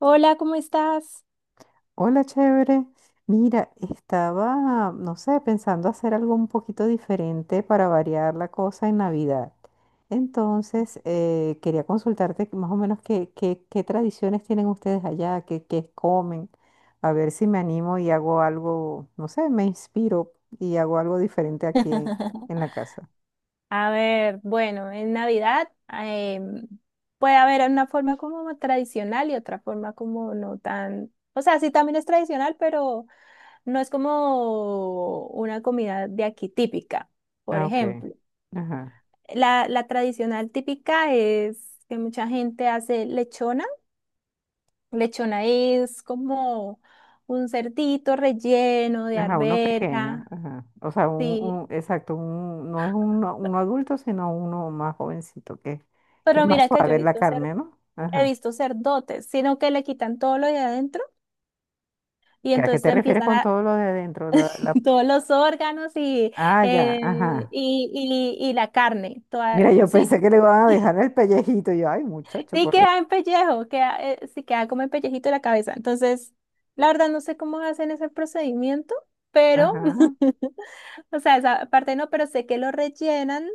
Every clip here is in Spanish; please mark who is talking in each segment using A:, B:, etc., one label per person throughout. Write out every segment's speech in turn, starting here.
A: Hola, ¿cómo estás?
B: Hola, chévere. Mira, estaba, no sé, pensando hacer algo un poquito diferente para variar la cosa en Navidad. Entonces, quería consultarte más o menos qué tradiciones tienen ustedes allá, qué comen, a ver si me animo y hago algo, no sé, me inspiro y hago algo diferente aquí en, la casa.
A: A ver, bueno, en Navidad puede haber una forma como tradicional y otra forma como no tan, o sea, sí también es tradicional, pero no es como una comida de aquí típica, por
B: Ah, ok.
A: ejemplo.
B: Ajá.
A: La tradicional típica es que mucha gente hace lechona. Lechona es como un cerdito relleno de
B: Ajá, uno pequeño,
A: arveja,
B: ajá. O sea,
A: sí.
B: exacto, un, no es uno, uno adulto, sino uno más jovencito, que es
A: Pero
B: más
A: mira que yo he
B: suave la
A: visto
B: carne, ¿no? Ajá.
A: sacerdotes, sino que le quitan todo lo de adentro y
B: ¿Qué- ¿A qué
A: entonces
B: te
A: le
B: refieres
A: empiezan
B: con
A: a
B: todo lo de adentro?
A: todos los órganos y,
B: Ah, ya,
A: eh,
B: ajá.
A: y, y, y la carne, toda,
B: Mira, yo
A: ¿sí?
B: pensé que le iban a dejar el pellejito, y yo, ay, muchacho,
A: Sí
B: por... Dios".
A: queda en pellejo, queda, sí queda como en pellejito de la cabeza. Entonces, la verdad no sé cómo hacen ese procedimiento, pero,
B: Ajá.
A: o sea, esa parte no, pero sé que lo rellenan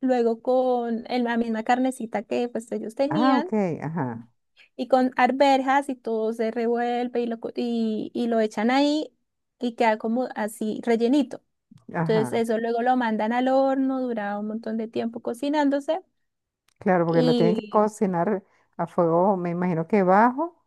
A: luego con el- la misma carnecita que pues ellos
B: Ah, ok,
A: tenían.
B: ajá,
A: Y con arvejas y todo se revuelve y lo, y lo echan ahí y queda como así rellenito. Entonces
B: ajá.
A: eso luego lo mandan al horno, dura un montón de tiempo cocinándose
B: Claro, porque lo tienen que
A: y,
B: cocinar a fuego, me imagino que bajo,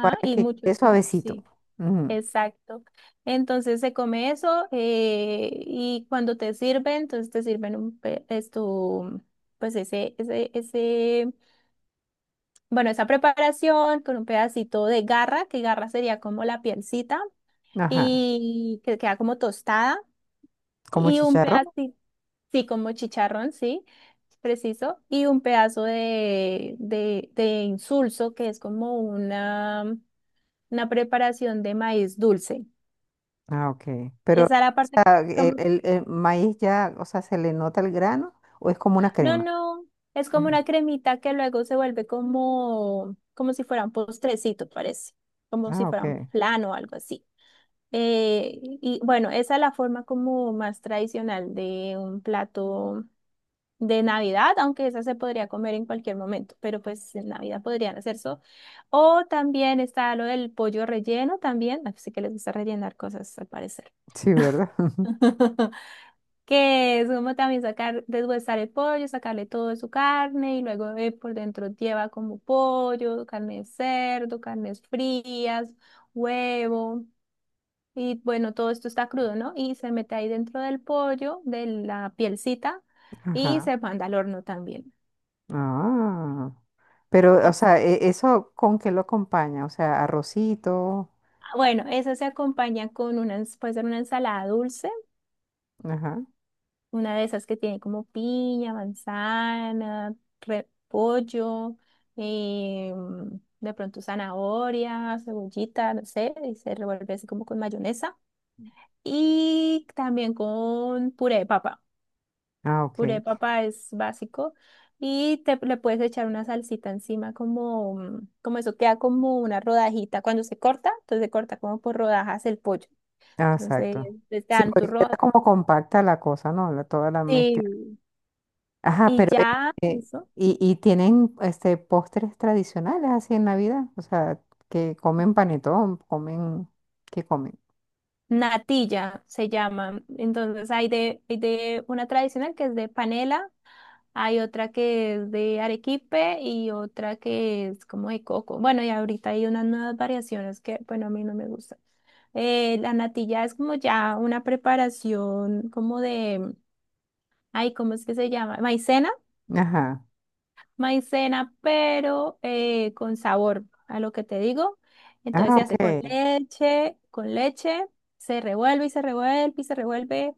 B: para
A: y
B: que
A: mucho
B: quede
A: tiempo,
B: suavecito.
A: sí,
B: Ujú,
A: exacto. Entonces se come eso y cuando te sirven, entonces te sirven un, pe- es tu, pues bueno, esa preparación con un pedacito de garra, que garra sería como la pielcita
B: ajá.
A: y que queda como tostada
B: Como
A: y un
B: chicharrón.
A: pedacito, sí, como chicharrón, sí, preciso, y un pedazo de insulso que es como una preparación de maíz dulce.
B: Ah, ok. Pero, o
A: Esa es la parte
B: sea,
A: como,
B: el maíz ya, o sea, ¿se le nota el grano o es como una
A: no,
B: crema?
A: no, es como
B: Ajá.
A: una cremita que luego se vuelve como, como si fuera un postrecito, parece, como si
B: Ah,
A: fuera un
B: ok.
A: flan o algo así. Y bueno, esa es la forma como más tradicional de un plato de Navidad, aunque esa se podría comer en cualquier momento, pero pues en Navidad podrían hacer eso. O también está lo del pollo relleno también, así que les gusta rellenar cosas al parecer.
B: Sí, ¿verdad?
A: Que es como también sacar, deshuesar el pollo, sacarle todo de su carne y luego por dentro lleva como pollo, carne de cerdo, carnes frías, huevo. Y bueno, todo esto está crudo, ¿no? Y se mete ahí dentro del pollo, de la pielcita, y
B: Ajá.
A: se manda al horno también.
B: Ah. Pero, o
A: Pues,
B: sea, ¿eso con qué lo acompaña? O sea, arrocito.
A: bueno, esas se acompañan con una, ens- puede ser una ensalada dulce,
B: Ajá.
A: una de esas que tiene como piña, manzana, repollo, eh, de pronto zanahoria, cebollita, no sé, y se revuelve así como con mayonesa. Y también con puré de papa.
B: Ah,
A: Puré
B: ok.
A: de papa es básico y te, le puedes echar una salsita encima como, mm, como eso queda como una rodajita cuando se corta, entonces se corta como por rodajas el pollo.
B: Ah,
A: Entonces,
B: exacto.
A: les
B: Sí,
A: dan
B: porque queda
A: turrón.
B: como compacta la cosa, ¿no? La- toda la mezcla.
A: Sí,
B: Ajá,
A: y
B: pero
A: ya,
B: este,
A: eso.
B: y tienen este postres tradicionales así en Navidad. O sea, que comen panetón, comen, ¿qué comen?
A: Natilla se llama. Entonces, hay de una tradicional que es de panela, hay otra que es de arequipe y otra que es como de coco. Bueno, y ahorita hay unas nuevas variaciones que, bueno, a mí no me gustan. La natilla es como ya una preparación como de, ay, ¿cómo es que se llama? Maicena.
B: Ajá.
A: Maicena, pero con sabor a lo que te digo. Entonces
B: Ah,
A: se
B: ok.
A: hace con leche, se revuelve y se revuelve y se revuelve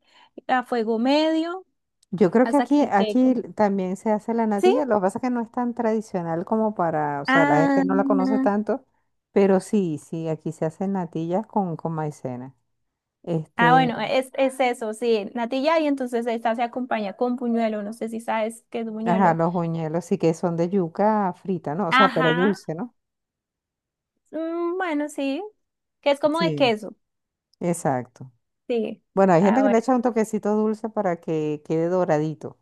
A: a fuego medio
B: Yo creo que
A: hasta
B: aquí,
A: que quede
B: aquí
A: con...
B: también se hace la
A: ¿Sí?
B: natilla. Lo que pasa es que no es tan tradicional como para, o sea, la gente
A: Ah,
B: no la conoce tanto, pero sí, sí, aquí se hacen natillas con maicena.
A: ah,
B: Este,
A: bueno, es eso, sí, natilla y entonces esta se acompaña con buñuelo, no sé si sabes qué es
B: ajá,
A: buñuelo.
B: los buñuelos sí que son de yuca frita, ¿no? O sea, pero
A: Ajá,
B: dulce, ¿no?
A: mm, bueno, sí, que es como de
B: Sí.
A: queso,
B: Exacto.
A: sí.
B: Bueno, hay gente
A: Ah,
B: que le
A: bueno,
B: echa un toquecito dulce para que quede doradito.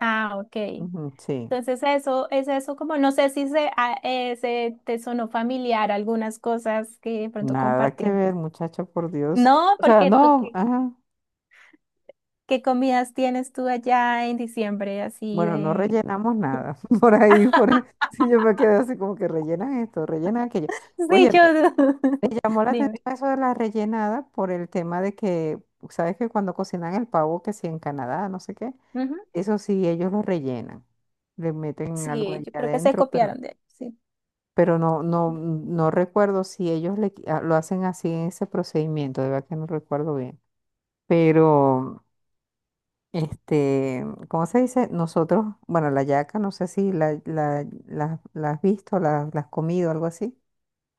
A: ah, ok.
B: Ujú, sí.
A: Entonces eso, es eso como, no sé si se, se te sonó familiar algunas cosas que de pronto
B: Nada que
A: compartimos.
B: ver, muchacho, por Dios.
A: No,
B: O sea,
A: porque tú,
B: no,
A: ¿qué,
B: ajá.
A: qué comidas tienes tú allá en diciembre así
B: Bueno, no
A: de...
B: rellenamos nada. Por ahí, sí, yo me quedé así como que rellenan esto, rellenan aquello.
A: Sí,
B: Oye,
A: yo...
B: me llamó la
A: Dime.
B: atención eso de la rellenada por el tema de que, sabes que cuando cocinan el pavo, que si en Canadá, no sé qué,
A: Ujú.
B: eso sí, ellos lo rellenan. Le meten algo
A: Sí,
B: allá
A: yo creo que se
B: adentro,
A: copiaron de ahí, sí.
B: pero no, no, no recuerdo si ellos lo hacen así en ese procedimiento, de verdad que no recuerdo bien. Pero. Este, ¿cómo se dice? Nosotros, bueno, la yaca, no sé si la has visto, la has comido, algo así.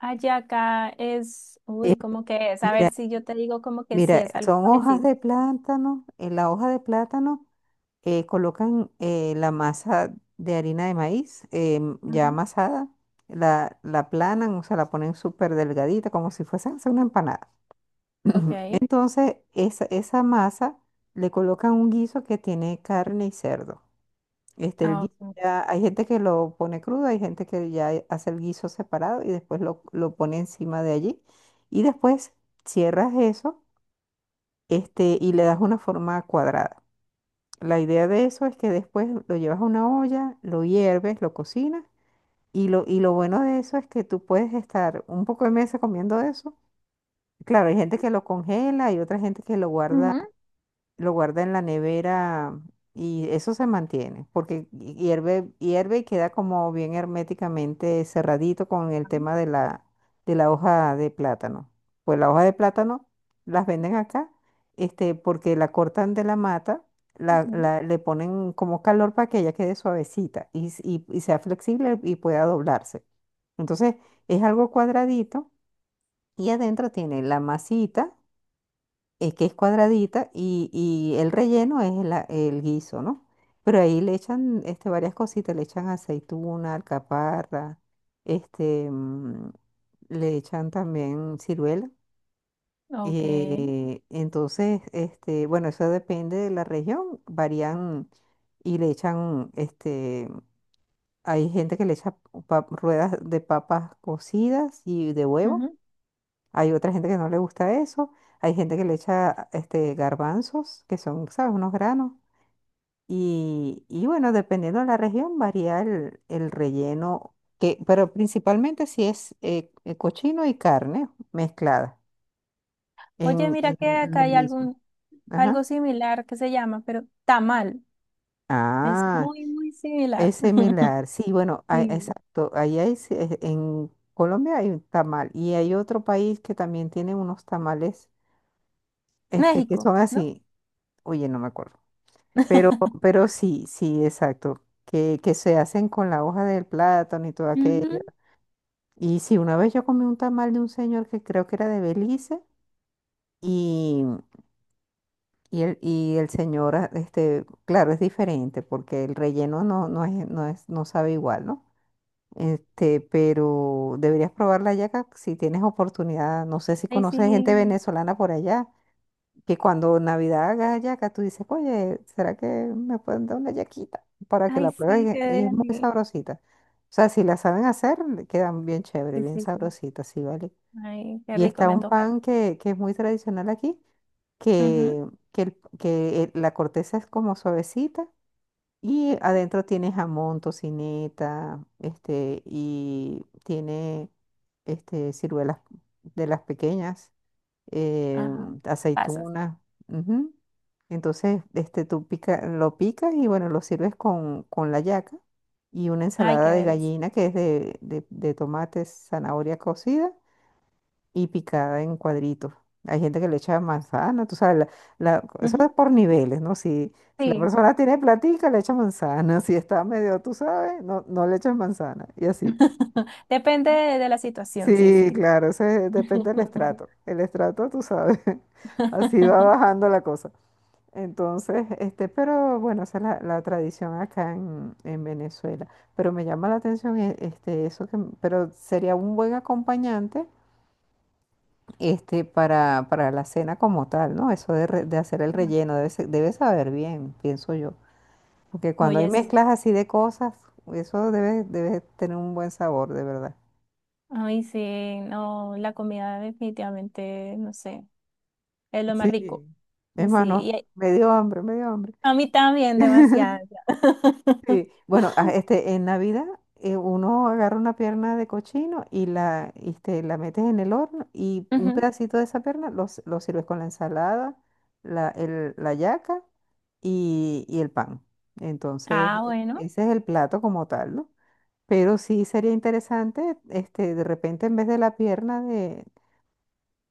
A: Ayaca es,
B: Eh,
A: uy, ¿cómo que es? A ver
B: mira,
A: si yo te digo como que sí
B: mira,
A: es algo
B: son hojas
A: parecido.
B: de plátano. En la hoja de plátano colocan la masa de harina de maíz ya
A: Ujú.
B: amasada, la aplanan, o sea, la ponen súper delgadita, como si fuese a hacer una empanada. Ujú.
A: Ok.
B: Entonces, esa masa le colocan un guiso que tiene carne y cerdo. Este, el
A: Ah,
B: guiso
A: ok.
B: ya, hay gente que lo pone crudo, hay gente que ya hace el guiso separado y después lo pone encima de allí. Y después cierras eso, este, y le das una forma cuadrada. La idea de eso es que después lo llevas a una olla, lo hierves, lo cocinas. Y lo bueno de eso es que tú puedes estar un poco de mesa comiendo eso. Claro, hay gente que lo congela, hay otra gente que
A: Ujú.
B: lo guarda en la nevera y eso se mantiene, porque hierve, hierve y queda como bien herméticamente cerradito con el tema de la hoja de plátano. Pues la hoja de plátano las venden acá, este, porque la cortan de la mata,
A: Ujú.
B: le ponen como calor para que ella quede suavecita y, y sea flexible y pueda doblarse. Entonces es algo cuadradito y adentro tiene la masita que es cuadradita y el relleno es el guiso, ¿no? Pero ahí le echan este, varias cositas, le echan aceituna, alcaparra, este, le echan también ciruela.
A: Ok.
B: Entonces, este, bueno, eso depende de la región, varían y le echan, este, hay gente que le echa ruedas de papas cocidas y de huevo.
A: Ujú.
B: Hay otra gente que no le gusta eso. Hay gente que le echa este, garbanzos, que son, ¿sabes? Unos granos. Y bueno, dependiendo de la región, varía el relleno, que, pero principalmente si es cochino y carne mezclada
A: Oye,
B: en,
A: mira
B: en-
A: que
B: en
A: acá
B: el
A: hay
B: guiso.
A: algún,
B: Ajá.
A: algo similar que se llama, pero tamal. Es
B: Ah,
A: muy, muy similar.
B: es similar. Sí, bueno, ah,
A: Sí.
B: exacto. Ahí hay, sí, en Colombia hay un tamal y hay otro país que también tiene unos tamales este, que
A: México,
B: son
A: ¿no?
B: así. Oye, no me acuerdo. Pero, pero sí, sí, exacto. Que se hacen con la hoja del plátano y todo aquello.
A: Ujú.
B: Y sí, una vez yo comí un tamal de un señor que creo que era de Belice y, y el señor, ah, este, claro, es diferente porque el relleno no, no es, no es, no sabe igual, ¿no? Este, pero deberías probar la yaca si tienes oportunidad. No sé si
A: Ay,
B: conoces gente
A: sí.
B: venezolana por allá. Que cuando Navidad haga hallaca, tú dices, oye, ¿será que me pueden dar una hallaquita para que
A: Ay,
B: la
A: sí,
B: prueben?
A: qué
B: Y es muy
A: deli.
B: sabrosita. O sea, si la saben hacer, le quedan bien chévere,
A: Sí,
B: bien
A: sí, sí.
B: sabrosita, sí, ¿vale?
A: Ay, qué
B: Y
A: rico,
B: está
A: me
B: un
A: antojaste.
B: pan que es muy tradicional aquí,
A: Ujú.
B: que, que, la corteza es como suavecita y adentro tiene jamón, tocineta, este, y tiene este, ciruelas de las pequeñas eh,
A: Ajá. Pasas.
B: aceituna. Ujú. Entonces, este, tú pica, lo picas y bueno, lo sirves con la yaca y una
A: Ay, qué
B: ensalada de
A: delicia.
B: gallina que es de, de tomate, zanahoria cocida y picada en cuadritos. Hay gente que le echa manzana, tú sabes, eso
A: Ujú.
B: es por niveles, ¿no? Si, si la
A: Sí.
B: persona tiene platica, le echa manzana, si está medio, tú sabes, no, no le echas manzana y así.
A: Depende de la situación, sí,
B: Sí,
A: sí.
B: claro, eso depende del estrato. El estrato, tú sabes, así va bajando la cosa. Entonces, este, pero bueno, esa es la, la tradición acá en Venezuela. Pero me llama la atención este, eso que, pero sería un buen acompañante este, para la cena como tal, ¿no? Eso de, de hacer el relleno, debe, debe saber bien, pienso yo. Porque cuando hay
A: Oye, sí.
B: mezclas así de cosas, eso debe, debe tener un buen sabor, de verdad.
A: Ay, sí, no, la comida definitivamente, no sé. Es lo más
B: Sí,
A: rico.
B: es más,
A: Sí,
B: no,
A: y
B: me dio hambre, me dio hambre.
A: a mí también demasiado.
B: Sí, bueno, ah, este, en Navidad uno agarra una pierna de cochino y la, este, la metes en el horno y un
A: Ujú.
B: pedacito de esa pierna lo, lo sirves con la ensalada, la, la yaca y el pan. Entonces,
A: Ah, bueno,
B: ese es el plato como tal, ¿no? Pero sí sería interesante, este, de repente en vez de la pierna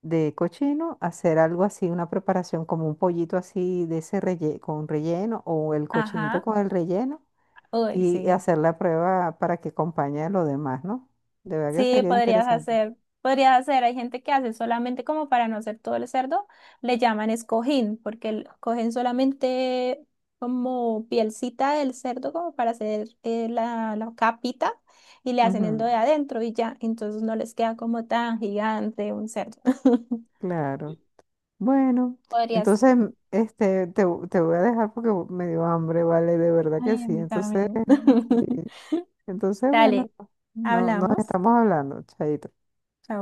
B: de cochino, hacer algo así, una preparación como un pollito así de ese con relleno o el cochinito
A: ajá.
B: con el relleno
A: Uy,
B: y
A: sí.
B: hacer la prueba para que acompañe a lo demás, ¿no? De verdad que
A: Sí,
B: sería interesante.
A: podrías hacer, hay gente que hace solamente como para no hacer todo el cerdo, le llaman escojín, porque el- cogen solamente como pielcita del cerdo como para hacer la capita y le hacen el do
B: Ujú,
A: de adentro y ya, entonces no les queda como tan gigante un cerdo.
B: claro. Bueno,
A: Podrías,
B: entonces este, te voy a dejar porque me dio hambre, ¿vale? De verdad que
A: ay, a
B: sí.
A: mí
B: Entonces,
A: también.
B: eh, entonces bueno,
A: Dale,
B: no, nos
A: hablamos.
B: estamos hablando, chaito.
A: Chao.